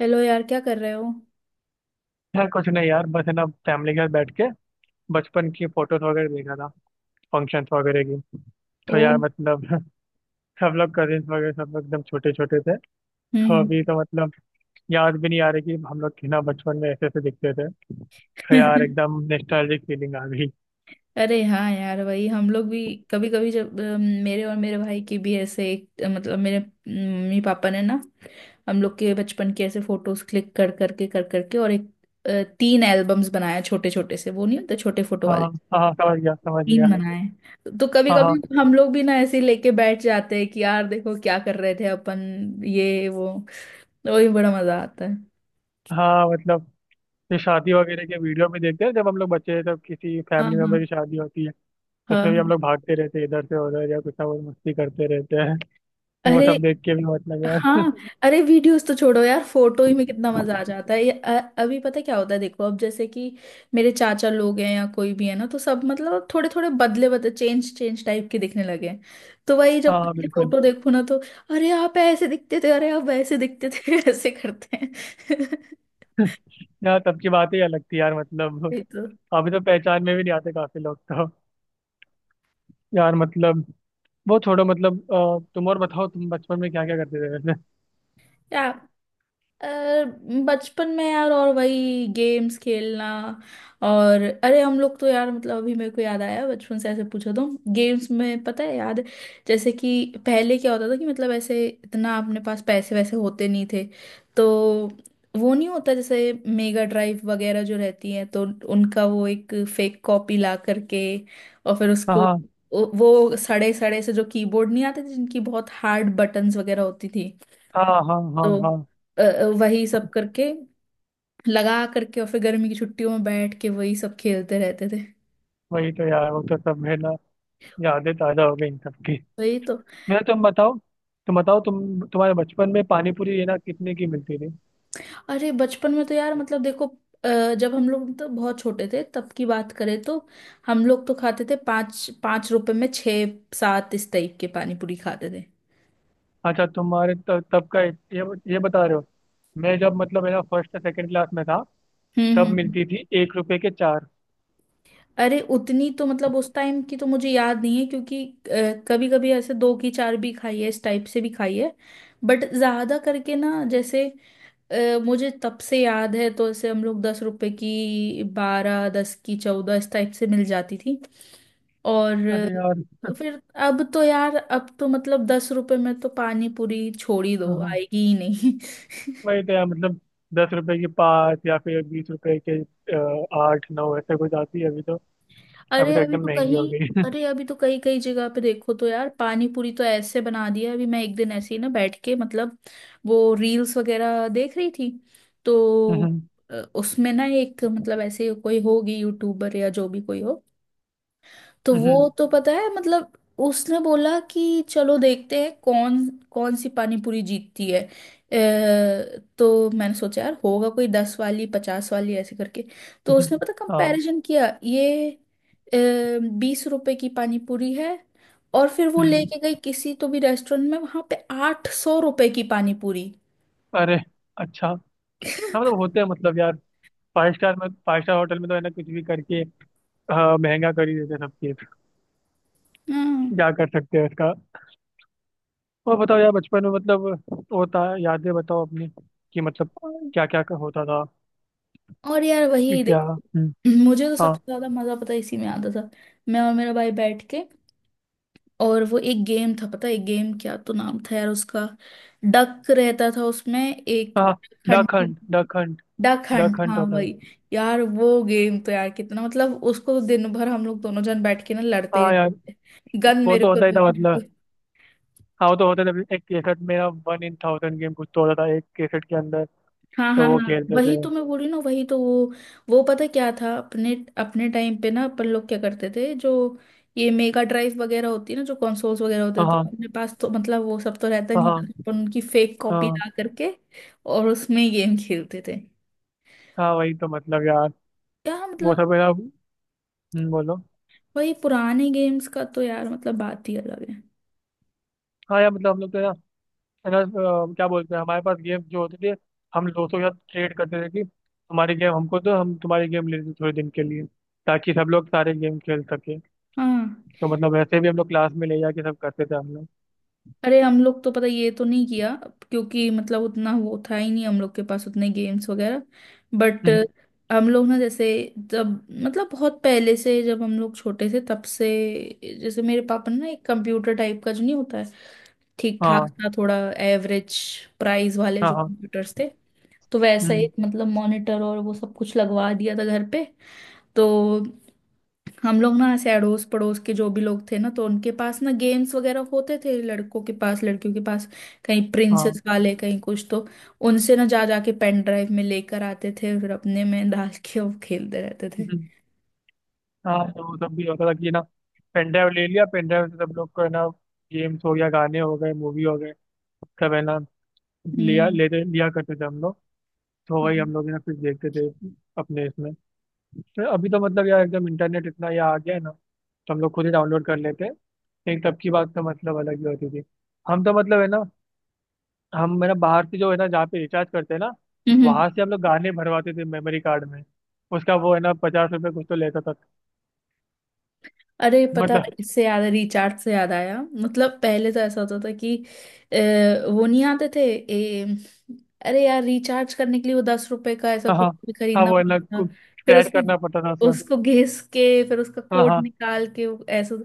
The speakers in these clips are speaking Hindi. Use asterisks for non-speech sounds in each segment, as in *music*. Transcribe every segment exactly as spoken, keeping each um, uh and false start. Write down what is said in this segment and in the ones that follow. हेलो यार, क्या कर रहे हो। यार कुछ नहीं, यार बस है ना फैमिली के साथ बैठ के बचपन की फोटोज वगैरह देखा था। फंक्शंस वगैरह की। तो ओ। यार मतलब *laughs* सब लोग कजिन्स वगैरह सब लोग एकदम छोटे छोटे थे। हम्म तो अभी हम्म। तो मतलब याद भी नहीं आ रही कि हम लोग ना बचपन में ऐसे ऐसे दिखते थे। तो यार *laughs* एकदम नॉस्टैल्जिक फीलिंग आ गई। अरे हाँ यार, वही हम लोग भी। कभी कभी जब अम, मेरे और मेरे भाई की भी ऐसे एक अ, मतलब मेरे मम्मी पापा ने ना, हम लोग के बचपन के ऐसे फोटोज क्लिक कर करके कर करके और एक अ, तीन एल्बम्स बनाया, छोटे छोटे से, वो नहीं होते छोटे फोटो हाँ वाले, हाँ, समझ गया समझ गया। तीन बनाए। तो कभी हाँ कभी हाँ हम लोग भी ना ऐसे ही लेके बैठ जाते हैं कि यार देखो, क्या कर रहे थे अपन, ये वो, तो वही बड़ा मजा आता है। हाँ, मतलब ये शादी वगैरह के वीडियो भी देखते हैं जब हम लोग बच्चे थे तब किसी हाँ फैमिली मेम्बर हाँ की शादी होती है। हाँ उसमें भी हम हाँ। लोग भागते रहते हैं इधर से उधर या कुछ ना कुछ मस्ती करते रहते हैं। वो अरे सब देख के भी मतलब यार। हाँ। अरे वीडियोस तो छोड़ो यार, फोटो ही में कितना मजा आ जाता है। ये अ- अभी पता है क्या होता है, देखो अब जैसे कि मेरे चाचा लोग हैं या कोई भी है ना, तो सब मतलब थोड़े थोड़े बदले बदले चेंज चेंज टाइप के दिखने लगे हैं। तो वही जब हाँ पहले बिल्कुल। फोटो देखो ना, तो अरे आप ऐसे दिखते थे, अरे आप वैसे दिखते थे, *laughs* ऐसे करते हैं *laughs* यार तब की बात ही अलग थी, यार मतलब। ये तो। अभी तो पहचान में भी नहीं आते काफी लोग तो, यार मतलब। वो छोड़ो मतलब, अ, तुम और बताओ, तुम बचपन में क्या क्या करते थे वैसे। क्या। अ, बचपन में यार, और वही गेम्स खेलना। और अरे हम लोग तो यार मतलब अभी मेरे को याद आया, बचपन से ऐसे पूछो तो गेम्स में, पता है याद है, जैसे कि पहले क्या होता था कि मतलब ऐसे इतना अपने पास पैसे वैसे होते नहीं थे। तो वो नहीं होता जैसे मेगा ड्राइव वगैरह जो रहती है, तो उनका वो एक फेक कॉपी ला करके और फिर हाँ उसको, हाँ वो सड़े सड़े से जो कीबोर्ड नहीं आते थे जिनकी बहुत हार्ड बटन्स वगैरह होती थी, हाँ हाँ। हाँ तो हाँ, अ, अ, वही सब करके लगा करके, और फिर गर्मी की छुट्टियों में बैठ के वही सब खेलते रहते थे। वही तो यार। वो तो सब है ना, यादें ताजा हो गई इन सबकी। वही तो। यार तुम बताओ, तुम बताओ, तुम तुम्हारे बचपन में पानी पूरी ये ना कितने की मिलती थी? अरे बचपन में तो यार मतलब देखो, अ, जब हम लोग तो बहुत छोटे थे तब की बात करें तो हम लोग तो खाते थे पाँच पाँच रुपए में छः सात, इस टाइप के पानी पूरी खाते थे। अच्छा, तुम्हारे त, तब का ये ये बता रहे हो? मैं जब मतलब है ना फर्स्ट या सेकंड क्लास में था, हम्म तब हम्म। मिलती थी एक रुपए के चार। अरे उतनी तो मतलब उस टाइम की तो मुझे याद नहीं है, क्योंकि कभी कभी ऐसे दो की चार भी खाई है, इस टाइप से भी खाई है। बट ज्यादा करके ना जैसे अ, मुझे तब से याद है, तो ऐसे हम लोग दस रुपए की बारह, दस की चौदह, इस टाइप से मिल जाती थी। और अरे यार। अ, फिर अब तो यार, अब तो मतलब दस रुपए में तो पानी पूरी छोड़ ही हाँ दो, हाँ। आएगी ही नहीं। वही तो यार मतलब, दस रुपए की पाँच या फिर बीस रुपए के अ, आठ नौ ऐसे कुछ आती है अभी तो। *laughs* अभी अरे तो अभी एकदम तो महंगी हो कहीं। गई। अरे अभी तो कई कई जगह पे देखो तो यार पानी पूरी तो ऐसे बना दिया है। अभी मैं एक दिन ऐसे ही ना बैठ के मतलब वो रील्स वगैरह देख रही थी, तो हम्म, अ, उसमें ना एक मतलब ऐसे कोई होगी यूट्यूबर या जो भी कोई हो, तो वो हम्म, तो पता है मतलब उसने बोला कि चलो देखते हैं कौन कौन सी पानी पूरी जीतती है। अ, तो मैंने सोचा यार होगा कोई दस वाली, पचास वाली, ऐसे करके। तो हम्म, उसने पता हाँ, कंपैरिजन किया, ये बीस रुपए की पानी पूरी है, और फिर वो हम्म, लेके गई किसी तो भी रेस्टोरेंट में, वहां पे आठ सौ रुपए की पानी पूरी। अरे, अच्छा, हाँ मतलब होते हैं मतलब यार, फाइव स्टार में, फाइव स्टार होटल में तो है ना कुछ भी करके हाँ, महंगा कर ही देते हैं सब चीज। हम्म। क्या कर सकते हैं इसका। और बताओ यार बचपन में, मतलब होता है, यादें बताओ अपनी, कि मतलब और क्या क्या होता था? और यार वही क्या, देखो, हम्म, मुझे तो हाँ सबसे ज्यादा मजा पता है इसी में आता था, मैं और मेरा भाई बैठ के। और वो एक गेम था, पता है एक गेम क्या तो नाम था यार उसका, डक रहता था उसमें एक, हाँ, duck hunting, hunt, duck hunt, duck duck hunt, hunt हाँ होता वही। यार वो गेम तो यार कितना मतलब, उसको दिन भर हम लोग दोनों जन बैठ के ना था। लड़ते, हाँ यार, गन वो मेरे तो को होता ही था दो। मतलब। हाँ, वो तो होता था, एक केसट मेरा वन इन थाउजेंड गेम कुछ तो होता था एक केसट के अंदर। हाँ तो हाँ वो हाँ। खेलते वही थे। तो मैं बोल रही हूँ ना, वही तो वो वो पता क्या था अपने अपने टाइम पे ना अपन लोग क्या करते थे। जो ये मेगा ड्राइव वगैरह होती है ना, जो कंसोल्स वगैरह होते हाँ हैं, तो हाँ अपने पास तो मतलब वो सब तो रहता हाँ नहीं था, हाँ तो अपन उनकी फेक कॉपी हाँ ला करके और उसमें गेम खेलते थे। हाँ, वही तो मतलब यार, यार वो मतलब सब है ना। हम्म, बोलो। वही पुराने गेम्स का तो यार मतलब बात ही अलग है। हाँ यार, मतलब हम लोग तो है ना, है ना, अ, क्या बोलते हैं, हमारे पास गेम जो होते थे, हम दोस्तों के साथ ट्रेड करते थे कि हमारी गेम हमको दो, हम तुम्हारी गेम ले लेते थोड़े दिन के लिए, ताकि सब लोग सारे गेम खेल सके। हाँ। तो मतलब वैसे भी हम लोग क्लास में ले जाके सब करते थे हम लोग। अरे हम लोग तो पता ये तो नहीं किया, क्योंकि मतलब उतना वो था ही नहीं हम लोग के पास, उतने गेम्स वगैरह। बट हम्म, हम लोग ना जैसे, जब मतलब बहुत पहले से, जब हम लोग छोटे थे तब से, जैसे मेरे पापा ने ना एक कंप्यूटर टाइप का जो नहीं होता है, ठीक ठाक हाँ सा, थोड़ा एवरेज प्राइस वाले हाँ जो हाँ, कंप्यूटर्स थे, तो वैसा हम्म, एक मतलब मॉनिटर और वो सब कुछ लगवा दिया था घर पे। तो हम लोग ना ऐसे अड़ोस पड़ोस के जो भी लोग थे ना तो उनके पास ना गेम्स वगैरह होते थे, लड़कों के पास लड़कियों के पास, कहीं हाँ, प्रिंसेस वाले कहीं कुछ, तो उनसे ना जा जाके पेन ड्राइव में लेकर आते थे, फिर अपने में डाल के वो खेलते रहते थे। हम्म। हाँ तो वो सब भी होता था कि ना, पेन ड्राइव ले लिया, पेन ड्राइव से सब लोग को है ना, गेम्स हो गया, गाने हो गए, मूवी हो गए, सब है ना, लिया हम्म। लेते लिया करते थे हम लोग। तो वही हम हाँ। लोग है ना फिर देखते थे अपने इसमें। तो अभी तो मतलब यार एकदम इंटरनेट इतना ये आ गया है ना, तो हम लोग खुद ही डाउनलोड कर लेते हैं, लेकिन तब की बात तो मतलब अलग ही होती थी। हम तो मतलब है ना, हम है ना बाहर से जो है ना, जहाँ पे रिचार्ज करते हैं ना, हम्म। वहां से हम लोग गाने भरवाते थे मेमोरी कार्ड में। उसका वो है ना पचास रुपये कुछ तो लेता था। अरे पता है, मतलब, इससे याद, रिचार्ज से याद आया, मतलब पहले तो ऐसा होता था कि अ, वो नहीं आते थे। ए, अरे यार, रिचार्ज करने के लिए वो दस रुपए का ऐसा हाँ कुछ हाँ, भी हाँ, खरीदना वो है ना पड़ता था, फिर स्क्रैच करना पड़ता था उसको उसका। उसको घिस के फिर उसका हाँ कोड हाँ, निकाल के वो ऐसा।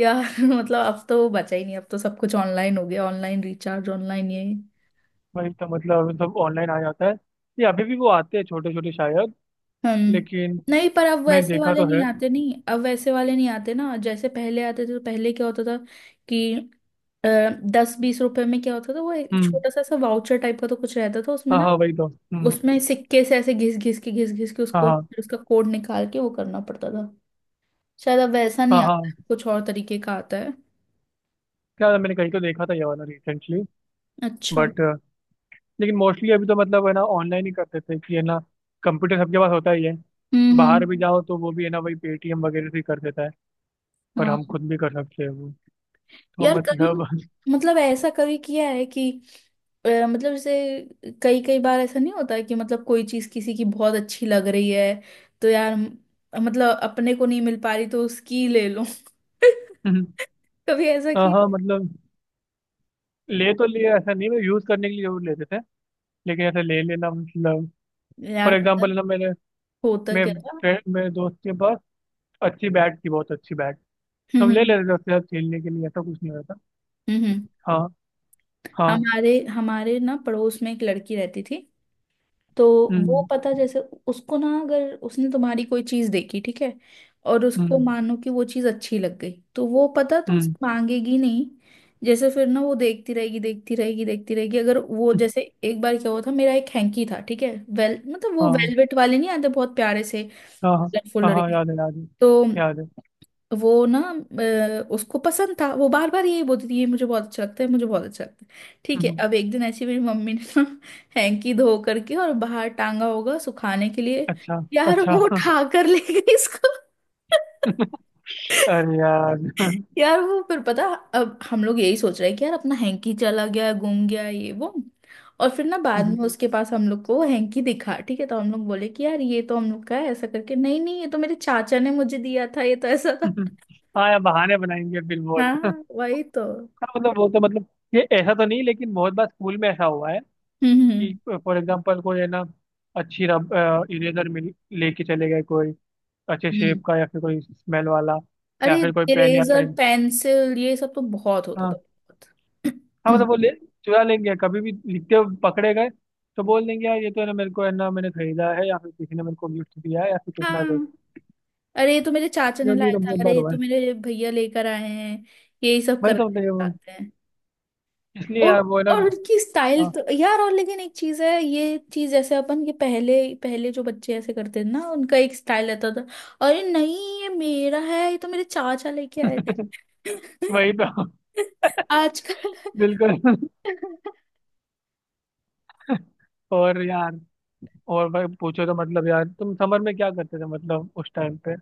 यार *laughs* मतलब अब तो वो बचा ही नहीं, अब तो सब कुछ ऑनलाइन हो गया, ऑनलाइन रिचार्ज, ऑनलाइन ये। वही तो मतलब, सब ऑनलाइन आ जाता है। ये अभी भी वो आते हैं छोटे छोटे शायद, हम्म। लेकिन नहीं, पर अब मैं वैसे देखा वाले तो नहीं है। आते, नहीं अब वैसे वाले नहीं आते ना जैसे पहले आते थे, तो पहले क्या होता था कि अ, दस बीस रुपए में क्या होता था, वो एक हम्म, छोटा सा सा वाउचर टाइप का तो कुछ रहता था उसमें हाँ ना। हाँ, वही तो, हम्म, उसमें सिक्के से ऐसे घिस घिस के घिस घिस के हाँ उसको, हाँ फिर उसका कोड निकाल के वो करना पड़ता था। शायद अब वैसा हाँ नहीं आता हाँ। है, कुछ और तरीके का आता है। क्या था, मैंने कहीं तो देखा था ये वाला रिसेंटली। अच्छा। बट लेकिन मोस्टली अभी तो मतलब है ना ऑनलाइन ही करते थे, कि है ना कंप्यूटर सबके पास होता ही है। हम्म बाहर भी हम्म। जाओ तो वो भी है ना वही पेटीएम वगैरह से ही कर देता है, पर हाँ हम खुद भी कर सकते हैं वो। तो यार, कभी मतलब, मतलब ऐसा कभी किया है कि अ, मतलब जैसे कई कई बार ऐसा नहीं होता है कि मतलब कोई चीज किसी की बहुत अच्छी लग रही है, तो यार म- मतलब अपने को नहीं मिल पा रही, तो उसकी ले लो *laughs* *laughs* कभी ऐसा हाँ कि हाँ मतलब, ले तो लिए, ऐसा नहीं, मैं यूज करने के लिए जरूर लेते थे, लेकिन ऐसा ले लेना मतलब, फॉर यार पता है एग्जाम्पल ना मेरे होता मेरे क्या था। फ्रेंड, मेरे दोस्त के पास अच्छी बैट थी, बहुत अच्छी बैट, तो हम्म हम हम्म। ले लेते थे उसके साथ खेलने के लिए, ऐसा कुछ नहीं होता था। हम्म, हम्म। हाँ हाँ। हमारे हमारे ना पड़ोस में एक लड़की रहती थी। तो वो हम्म पता जैसे उसको ना, अगर उसने तुम्हारी कोई चीज देखी ठीक है, और उसको हम्म, मानो कि वो चीज अच्छी लग गई, तो वो पता तुमसे हम्म, मांगेगी नहीं। जैसे फिर ना वो देखती रहेगी देखती रहेगी देखती रहेगी, अगर वो जैसे एक बार क्या हुआ था, मेरा एक हैंकी था ठीक है, वेल मतलब वो हाँ वेलवेट वाले नहीं आते बहुत प्यारे से, हाँ हाँ कलरफुल, हाँ, और हाँ, ये। याद है याद है, तो याद है। वो ना अ, उसको पसंद था, वो बार बार यही बोलती थी, ये मुझे बहुत अच्छा लगता है, मुझे बहुत अच्छा लगता है। ठीक है, हम्म, अब एक दिन ऐसी मेरी मम्मी ने ना *laughs* हैंकी धो करके और बाहर टांगा होगा सुखाने के लिए, अच्छा, यार अच्छा। वो उठा कर ले गई इसको। *laughs* अरे यार *laughs* यार वो फिर पता, अब हम लोग यही सोच रहे हैं कि यार अपना हैंकी चला गया, गुम गया, ये वो, और फिर ना बाद में उसके पास हम लोग को हैंकी दिखा ठीक है, तो हम लोग बोले कि यार ये तो हम लोग का है, ऐसा करके, नहीं नहीं ये तो मेरे चाचा ने मुझे दिया था, ये तो ऐसा था। हाँ यार बहाने बनाएंगे फिर बहुत, हाँ हाँ वही तो। मतलब, वो तो मतलब, ये ऐसा तो नहीं, लेकिन बहुत बार स्कूल में ऐसा हुआ है हम्म हम्म कि फॉर एग्जांपल कोई है ना, अच्छी रब, इरेजर मिल, लेके चले गए कोई, अच्छे हम्म। शेप का या फिर कोई स्मेल वाला, अरे या फिर कोई पेन या इरेजर पेन। पेंसिल ये सब तो बहुत होता था, हाँ हाँ, मतलब बहुत। वो ले चुरा लेंगे, कभी भी लिखते हुए पकड़े गए तो बोल देंगे यार ये तो है ना मेरे को है ना मैंने खरीदा है, या फिर किसी ने मेरे को गिफ्ट दिया है, या फिर *clears throat* कितना कोई, हाँ। अरे ये तो मेरे चाचा ये ने ये लाया तो था, बहुत अरे बार ये हुआ तो है। मेरे भैया लेकर आए हैं, यही सब वही करना तो मतलब ये वो- चाहते हैं। इसलिए यार और वो है ना, और उनकी स्टाइल हाँ तो यार, और लेकिन एक चीज है, ये चीज जैसे अपन ये पहले, पहले जो बच्चे ऐसे करते थे ना उनका एक स्टाइल रहता था, अरे नहीं ये मेरा है, ये तो मेरे चाचा लेके आए थे वही तो। *laughs* *laughs* आजकल। बिल्कुल। और यार, और भाई पूछो तो मतलब यार, तुम समर में क्या करते थे मतलब उस टाइम पे?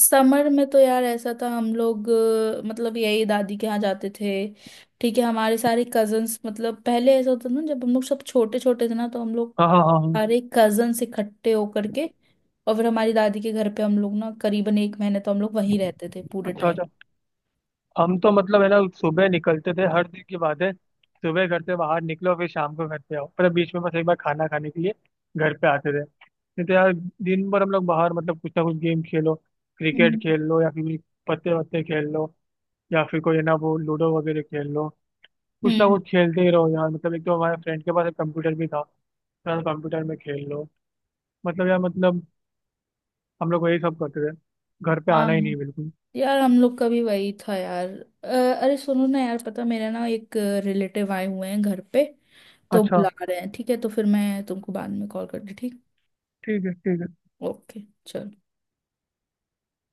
समर में तो यार ऐसा था, हम लोग अ, मतलब यही दादी के यहाँ जाते थे ठीक है, हमारे सारे कजन्स मतलब पहले ऐसा होता था ना, जब हम लोग सब छोटे छोटे थे ना, तो हम लोग हाँ हाँ हाँ हाँ। सारे कजन्स इकट्ठे होकर के और फिर हमारी दादी के घर पे हम लोग ना करीबन एक महीने तो हम लोग वहीं रहते थे पूरे अच्छा टाइम। अच्छा। हम तो मतलब है ना सुबह निकलते थे, हर दिन की बात है, सुबह घर से बाहर निकलो फिर शाम को घर पे आओ, पर बीच में बस एक बार खाना खाने के लिए घर पे आते थे, नहीं तो यार दिन भर हम लोग बाहर, मतलब कुछ ना कुछ गेम खेलो, क्रिकेट हम्म खेल लो, या फिर पत्ते वत्ते खेल लो, या फिर कोई है ना वो लूडो वगैरह खेल लो, कुछ ना हम्म। कुछ खेलते ही रहो यार, मतलब एक तो हमारे फ्रेंड के पास एक कंप्यूटर भी था, तो यार कंप्यूटर में खेल लो, मतलब यार मतलब, हम लोग वही सब करते थे, घर पे हाँ आना ही नहीं बिल्कुल। यार, हम लोग का भी वही था यार। अ, अरे सुनो ना यार, पता मेरा ना एक रिलेटिव आए हुए हैं घर पे, तो अच्छा, बुला रहे हैं, ठीक है, तो फिर मैं तुमको बाद में कॉल करती, ठीक। ठीक है ठीक है। ओके। चलो।